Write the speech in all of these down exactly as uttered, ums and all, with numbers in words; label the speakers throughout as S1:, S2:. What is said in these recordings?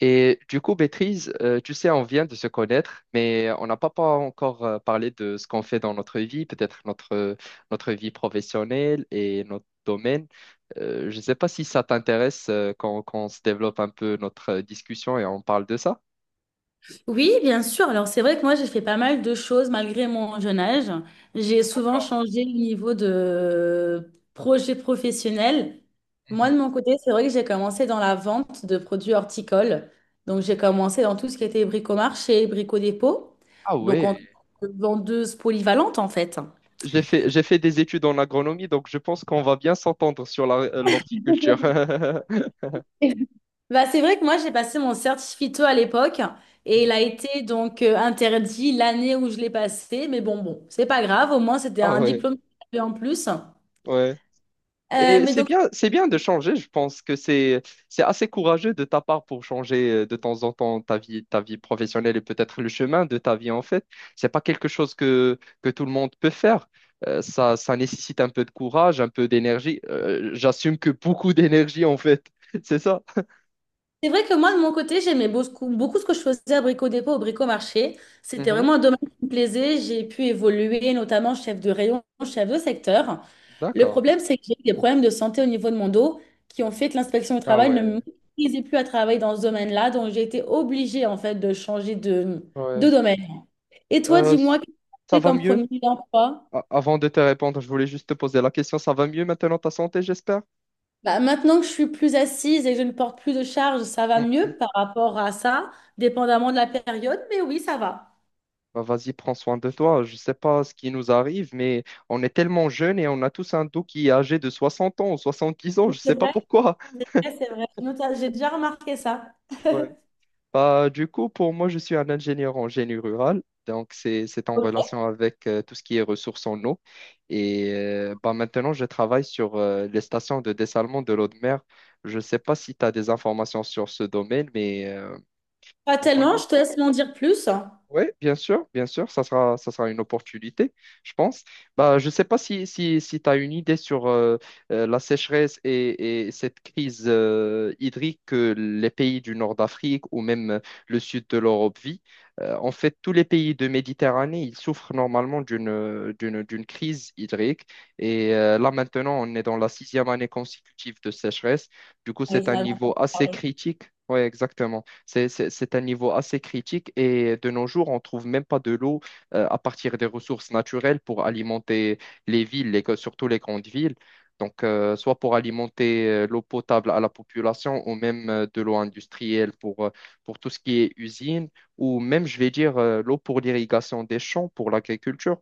S1: Et du coup, Béatrice, euh, tu sais, on vient de se connaître, mais on n'a pas, pas encore euh, parlé de ce qu'on fait dans notre vie, peut-être notre, notre vie professionnelle et notre domaine. Euh, je ne sais pas si ça t'intéresse euh, quand, quand on se développe un peu notre euh, discussion et on parle de ça.
S2: Oui, bien sûr. Alors, c'est vrai que moi, j'ai fait pas mal de choses malgré mon jeune âge. J'ai souvent changé le niveau de projet professionnel. Moi, de
S1: Mhm.
S2: mon côté, c'est vrai que j'ai commencé dans la vente de produits horticoles. Donc, j'ai commencé dans tout ce qui était bricomarché, bricodépôt.
S1: Ah
S2: Donc, en tant
S1: ouais,
S2: que vendeuse polyvalente, en fait.
S1: j'ai fait, j'ai fait des études en agronomie, donc je pense qu'on va bien s'entendre sur la- euh, l'horticulture.
S2: Bah, c'est vrai que moi, j'ai passé mon certificat à l'époque et il a été donc euh, interdit l'année où je l'ai passé. Mais bon, bon, c'est pas grave. Au moins, c'était
S1: Ah
S2: un
S1: ouais,
S2: diplôme que j'avais en plus.
S1: ouais.
S2: Euh,
S1: Et
S2: mais
S1: c'est
S2: donc,
S1: bien, c'est bien de changer. Je pense que c'est, c'est assez courageux de ta part pour changer euh, de temps en temps ta vie, ta vie professionnelle et peut-être le chemin de ta vie en fait. C'est pas quelque chose que, que tout le monde peut faire. Euh, ça, ça nécessite un peu de courage, un peu d'énergie. Euh, j'assume que beaucoup d'énergie en fait. C'est ça.
S2: c'est vrai que moi, de mon côté, j'aimais beaucoup, beaucoup ce que je faisais à Brico Dépôt, au Brico Marché. C'était
S1: Mhm.
S2: vraiment un domaine qui me plaisait. J'ai pu évoluer, notamment chef de rayon, chef de secteur. Le
S1: D'accord.
S2: problème, c'est que j'ai eu des problèmes de santé au niveau de mon dos qui ont fait que l'inspection du
S1: Ah
S2: travail ne
S1: ouais,
S2: m'autorisait plus à travailler dans ce domaine-là. Donc, j'ai été obligée, en fait, de changer de, de
S1: ouais.
S2: domaine. Et toi,
S1: Euh, s-
S2: dis-moi, qu'est-ce que tu as
S1: ça
S2: fait
S1: va
S2: comme
S1: mieux?
S2: premier emploi?
S1: A- Avant de te répondre, je voulais juste te poser la question. Ça va mieux maintenant ta santé, j'espère?
S2: Bah, maintenant que je suis plus assise et que je ne porte plus de charge, ça va mieux par rapport à ça, dépendamment de la période, mais oui, ça va.
S1: Bah, vas-y, prends soin de toi. Je sais pas ce qui nous arrive, mais on est tellement jeunes et on a tous un dos qui est âgé de soixante ans ou soixante-dix ans. Je
S2: C'est
S1: sais pas
S2: vrai,
S1: pourquoi.
S2: ouais, c'est vrai. Je note- J'ai déjà remarqué ça.
S1: Ouais. Bah, du coup, pour moi, je suis un ingénieur en génie rural. Donc, c'est, c'est en
S2: Ok.
S1: relation avec euh, tout ce qui est ressources en eau. Et euh, bah, maintenant, je travaille sur euh, les stations de dessalement de l'eau de mer. Je ne sais pas si tu as des informations sur ce domaine, mais euh,
S2: Pas tellement,
S1: normalement,
S2: je te laisse m'en dire plus.
S1: oui, bien sûr, bien sûr, ça sera, ça sera une opportunité, je pense. Bah, je ne sais pas si, si, si tu as une idée sur euh, euh, la sécheresse et, et cette crise euh, hydrique que les pays du nord d'Afrique ou même euh, le sud de l'Europe vit. Euh, en fait, tous les pays de Méditerranée, ils souffrent normalement d'une, euh, d'une, d'une crise hydrique. Et euh, là, maintenant, on est dans la sixième année consécutive de sécheresse. Du coup,
S2: Oui,
S1: c'est
S2: j'en
S1: un
S2: avais
S1: niveau
S2: entendu
S1: assez
S2: parler.
S1: critique. Oui, exactement. C'est, c'est- c'est un niveau assez critique et de nos jours, on trouve même pas de l'eau euh, à partir des ressources naturelles pour alimenter les villes, les- surtout les grandes villes. Donc, euh, soit pour alimenter euh, l'eau potable à la population ou même euh, de l'eau industrielle pour, euh, pour tout ce qui est usine ou même, je vais dire, euh, l'eau pour l'irrigation des champs, pour l'agriculture.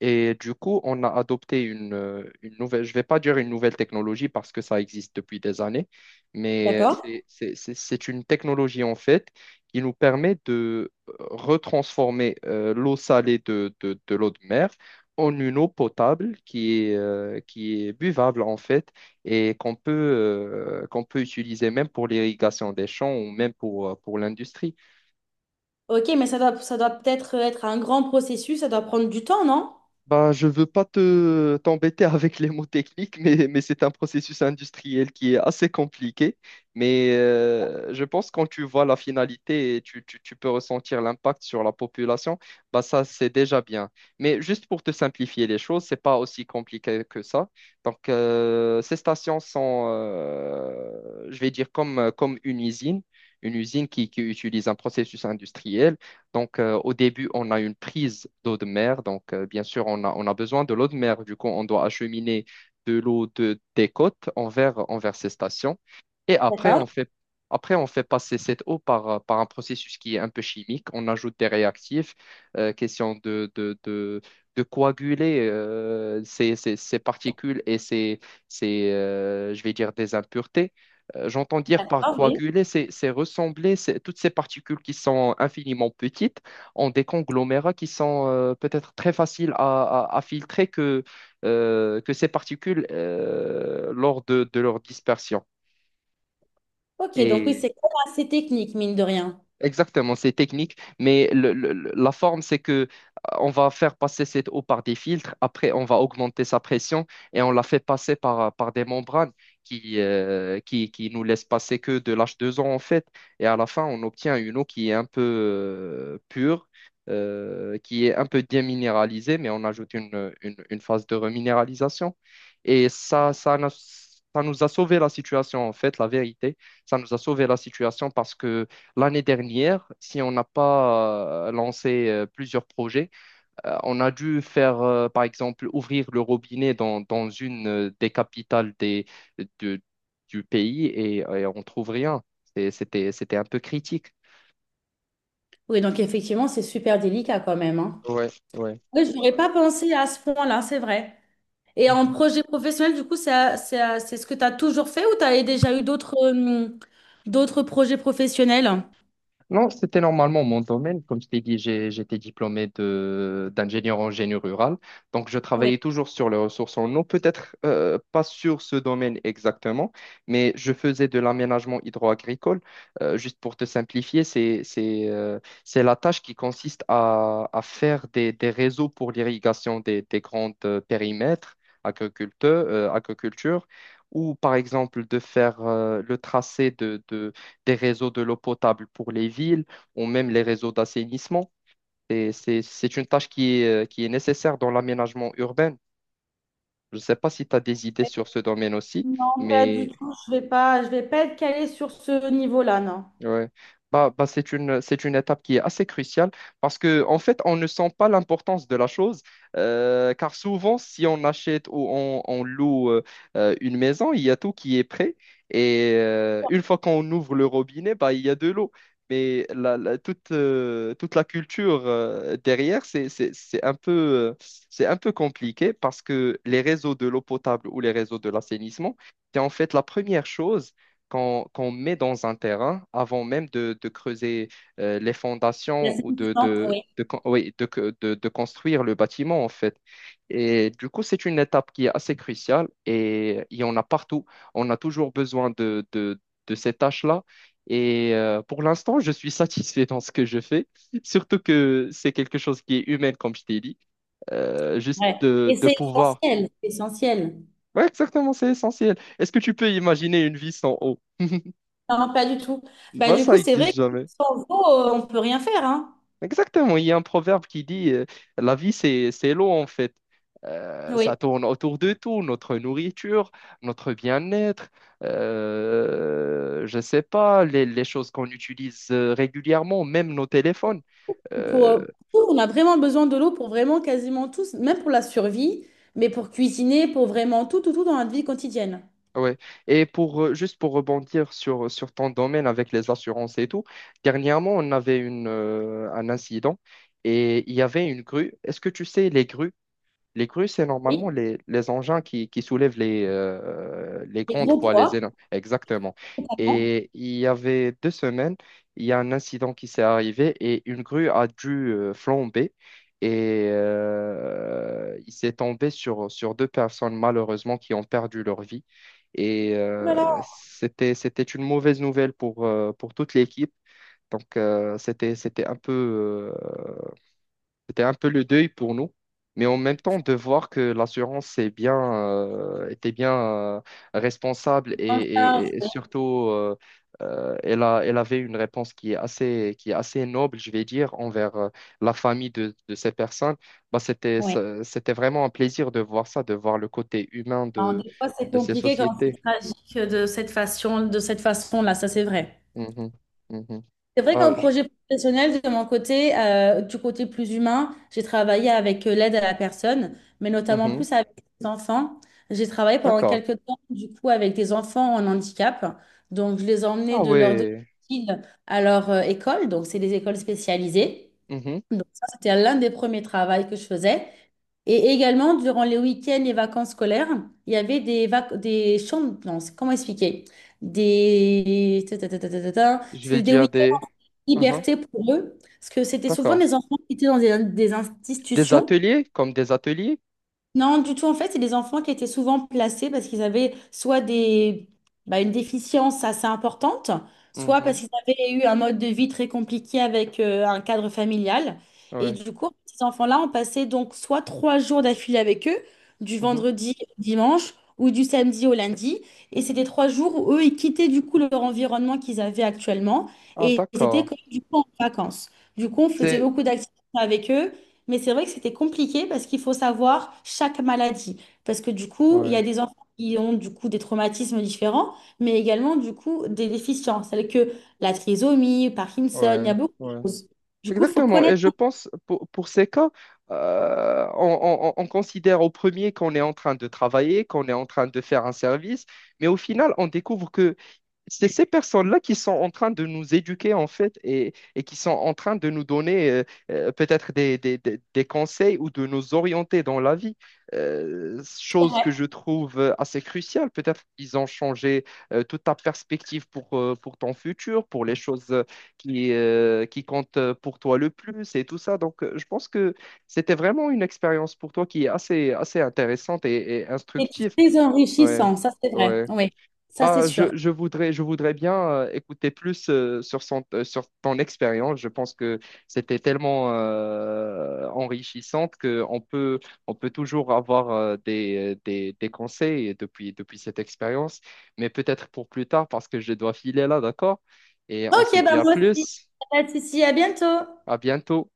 S1: Et du coup, on a adopté une, euh, une nouvelle, je vais pas dire une nouvelle technologie parce que ça existe depuis des années, mais euh,
S2: D'accord.
S1: c'est c'est- c'est- c'est une technologie en fait qui nous permet de euh, retransformer euh, l'eau salée de, de- de l'eau de mer en une eau potable qui est, euh, qui est buvable en fait et qu'on peut, euh, qu'on peut utiliser même pour l'irrigation des champs ou même pour, euh, pour l'industrie.
S2: Ok, mais ça doit, ça doit peut-être être un grand processus, ça doit prendre du temps, non?
S1: Bah, je veux pas te t'embêter avec les mots techniques, mais, mais c'est un processus industriel qui est assez compliqué. Mais euh, je pense quand tu vois la finalité et tu, tu- tu peux ressentir l'impact sur la population, bah ça c'est déjà bien. Mais juste pour te simplifier les choses, c'est pas aussi compliqué que ça. Donc euh, ces stations sont, euh, je vais dire comme comme une usine, une usine qui qui utilise un processus industriel. Donc, euh, au début, on a une prise d'eau de mer. Donc, euh, bien sûr, on a, on a besoin de l'eau de mer. Du coup, on doit acheminer de l'eau de, des côtes envers, envers ces stations. Et après,
S2: D'accord.
S1: on fait, après, on fait passer cette eau par, euh, par un processus qui est un peu chimique. On ajoute des réactifs, euh, question de, de, de, de coaguler euh, ces, ces, ces particules et ces, ces euh, je vais dire, des impuretés. Euh, J'entends dire par
S2: D'accord, oui.
S1: coaguler, c'est c'est ressembler c'est- toutes ces particules qui sont infiniment petites en des conglomérats qui sont euh, peut-être très faciles à, à- à filtrer que, euh, que ces particules euh, lors de de leur dispersion.
S2: Ok, donc oui,
S1: Et
S2: c'est quand même assez technique, mine de rien.
S1: Exactement, c'est technique, mais le- le- le- la forme, c'est que euh, on va faire passer cette eau par des filtres, après on va augmenter sa pression et on la fait passer par, euh, par des membranes qui, euh, qui, qui nous laissent passer que de l'H deux O en fait. Et à la fin, on obtient une eau qui est un peu euh, pure, euh, qui est un peu déminéralisée, mais on ajoute une, une, une phase de reminéralisation. Et ça, ça, n'a- ça nous a sauvé la situation en fait, la vérité. Ça nous a sauvé la situation parce que l'année dernière, si on n'a pas euh, lancé euh, plusieurs projets, euh, on a dû faire, euh, par exemple, ouvrir le robinet dans, dans une euh, des capitales des, de- du pays et, et on trouve rien. C'est- C'était, c'était un peu critique.
S2: Oui, donc effectivement, c'est super délicat quand même, hein.
S1: Ouais, ouais.
S2: Oui, je n'aurais pas pensé à ce point-là, c'est vrai. Et en projet professionnel, du coup, c'est c'est c'est ce que tu as toujours fait ou tu as déjà eu d'autres euh, d'autres projets professionnels?
S1: Non, c'était normalement mon domaine. Comme je t'ai dit, j'ai- j'étais diplômé de d'ingénieur en génie rural. Donc, je travaillais toujours sur les ressources en eau, peut-être euh, pas sur ce domaine exactement, mais je faisais de l'aménagement hydro-agricole. Euh, juste pour te simplifier, c'est c'est euh, c'est la tâche qui consiste à, à faire des, des réseaux pour l'irrigation des, des grands euh, périmètres agriculteurs, euh, agriculture, ou par exemple de faire euh, le tracé des réseaux de l'eau potable pour les villes ou même les réseaux d'assainissement. Et c'est, c'est une tâche qui est, euh, qui est nécessaire dans l'aménagement urbain. Je ne sais pas si tu as des idées sur ce domaine aussi,
S2: Non, pas
S1: mais
S2: du tout. Je vais pas, je vais pas être calée sur ce niveau-là, non.
S1: ouais. Bah, bah, c'est une, c'est une étape qui est assez cruciale parce que en fait, on ne sent pas l'importance de la chose euh, car souvent, si on achète ou on, on loue euh, euh, une maison, il y a tout qui est prêt et euh, une fois qu'on ouvre le robinet, bah, il y a de l'eau. Mais la, la- toute, euh, toute la culture euh, derrière, c'est, c'est, c'est un peu, euh, c'est un peu compliqué parce que les réseaux de l'eau potable ou les réseaux de l'assainissement, c'est en fait la première chose qu'on qu'on met dans un terrain avant même de, de creuser euh, les
S2: La
S1: fondations ou de,
S2: satisfaction,
S1: de,
S2: oui.
S1: de, con- oui, de, que- de- de construire le bâtiment, en fait. Et du coup, c'est une étape qui est assez cruciale et il y en a partout. On a toujours besoin de, de, de ces tâches-là. Et euh, pour l'instant, je suis satisfait dans ce que je fais, surtout que c'est quelque chose qui est humain, comme je t'ai dit. Euh, juste
S2: Ouais.
S1: de,
S2: Et
S1: de
S2: c'est
S1: pouvoir.
S2: essentiel, c'est essentiel.
S1: Ouais, exactement, c'est essentiel. Est-ce que tu peux imaginer une vie sans eau?
S2: Non, pas du tout. Bah,
S1: Bah,
S2: du coup,
S1: ça
S2: c'est vrai
S1: existe
S2: que
S1: jamais.
S2: sans eau, euh, on peut rien faire, hein.
S1: Exactement, il y a un proverbe qui dit euh, la vie c'est c'est l'eau en fait. Euh, ça
S2: Oui.
S1: tourne autour de tout, notre nourriture, notre bien-être, euh, je sais pas, les, les choses qu'on utilise euh, régulièrement, même nos téléphones.
S2: Pour,
S1: Euh,
S2: euh, pour tout, on a vraiment besoin de l'eau pour vraiment quasiment tous, même pour la survie, mais pour cuisiner, pour vraiment tout, tout, tout dans notre vie quotidienne.
S1: ouais. Et pour euh, juste pour rebondir sur, sur ton domaine avec les assurances et tout, dernièrement on avait une, euh, un incident et il y avait une grue. Est-ce que tu sais les grues? Les grues, c'est normalement
S2: Oui.
S1: les, les engins qui, qui soulèvent les, euh, les
S2: Les
S1: grandes
S2: gros
S1: poids, les
S2: poids.
S1: énormes. Exactement.
S2: Temps.
S1: Et il y avait deux semaines, il y a un incident qui s'est arrivé et une grue a dû euh, flamber et euh, il s'est tombé sur, sur deux personnes malheureusement qui ont perdu leur vie. Et
S2: Ouh là là.
S1: euh, c'était, c'était une mauvaise nouvelle pour, euh, pour toute l'équipe. Donc, euh, c'était, c'était un peu euh, c'était un peu le deuil pour nous, mais en même temps de voir que l'assurance c'est bien, euh, était bien euh, responsable et,
S2: En charge,
S1: et- et
S2: oui.
S1: surtout euh, euh, elle a, elle avait une réponse qui est assez, qui est assez noble, je vais dire, envers euh, la famille de, de ces personnes. Bah, c'était,
S2: Oui.
S1: ça- c'était vraiment un plaisir de voir ça, de voir le côté humain
S2: Alors,
S1: de,
S2: des fois, c'est
S1: de ces
S2: compliqué quand c'est
S1: sociétés.
S2: tragique de cette façon, de cette façon-là, ça c'est vrai.
S1: Mhm. Mhm.
S2: C'est vrai
S1: Bah,
S2: qu'en
S1: je-
S2: projet professionnel, de mon côté, euh, du côté plus humain, j'ai travaillé avec euh, l'aide à la personne, mais notamment
S1: mhm.
S2: plus avec les enfants. J'ai travaillé pendant
S1: D'accord.
S2: quelques temps, du coup, avec des enfants en handicap. Donc, je les emmenais
S1: Ah
S2: de leur
S1: ouais.
S2: domicile à leur euh, école. Donc, c'est des écoles spécialisées.
S1: Mhm.
S2: Donc ça, c'était l'un des premiers travaux que je faisais. Et également, durant les week-ends et vacances scolaires, il y avait des, vac- des chambres. Non, c'est- comment expliquer? Des... ta, ta, ta, ta, ta, ta, ta.
S1: Je vais
S2: C'était des
S1: dire des...
S2: week-ends
S1: Mhm.
S2: liberté pour eux. Parce que c'était souvent
S1: D'accord.
S2: des enfants qui étaient dans des, des
S1: Des
S2: institutions.
S1: ateliers, comme des ateliers?
S2: Non, du tout. En fait, c'est des enfants qui étaient souvent placés parce qu'ils avaient soit des, bah, une déficience assez importante, soit parce
S1: Mhm,
S2: qu'ils avaient eu un mode de vie très compliqué avec euh, un cadre familial. Et
S1: ouais.
S2: du coup, ces enfants-là ont passé donc soit trois jours d'affilée avec eux, du
S1: Mhm.
S2: vendredi au dimanche ou du samedi au lundi. Et c'était trois jours où eux, ils quittaient du coup leur environnement qu'ils avaient actuellement
S1: Ah,
S2: et ils étaient
S1: d'accord.
S2: comme du coup en vacances. Du coup, on faisait
S1: C'est...
S2: beaucoup d'activités avec eux. Mais c'est vrai que c'était compliqué parce qu'il faut savoir chaque maladie. Parce que du coup, il y a
S1: Ouais,
S2: des enfants qui ont du coup des traumatismes différents, mais également du coup des déficiences, telles que la trisomie, Parkinson, il y
S1: ouais,
S2: a beaucoup de
S1: ouais.
S2: choses. Du coup, il faut
S1: Exactement. Et
S2: connaître.
S1: je pense, pour, pour ces cas, euh, on, on- on considère au premier qu'on est en train de travailler, qu'on est en train de faire un service, mais au final, on découvre que c'est ces personnes-là qui sont en train de nous éduquer, en fait, et, et qui sont en train de nous donner euh, euh, peut-être des, des- des- des conseils ou de nous orienter dans la vie. Euh,
S2: C'est
S1: chose
S2: vrai.
S1: que je trouve euh, assez cruciale. Peut-être qu'ils ont changé euh, toute ta perspective pour, euh, pour ton futur, pour les choses euh, qui, euh, qui comptent euh, pour toi le plus et tout ça. Donc, euh, je pense que c'était vraiment une expérience pour toi qui est assez, assez intéressante et, et
S2: C'est
S1: instructive.
S2: très
S1: Ouais,
S2: enrichissant, ça c'est vrai.
S1: ouais.
S2: Oui, ça c'est
S1: Bah,
S2: sûr.
S1: je, je voudrais, je voudrais bien euh, écouter plus euh, sur son, euh, sur ton expérience. Je pense que c'était tellement euh, enrichissante qu'on peut, on peut toujours avoir euh, des, des, des conseils depuis, depuis cette expérience, mais peut-être pour plus tard parce que je dois filer là, d'accord? Et on
S2: Ok,
S1: se dit
S2: ben
S1: à
S2: moi aussi.
S1: plus,
S2: Pas de souci, à bientôt.
S1: à bientôt.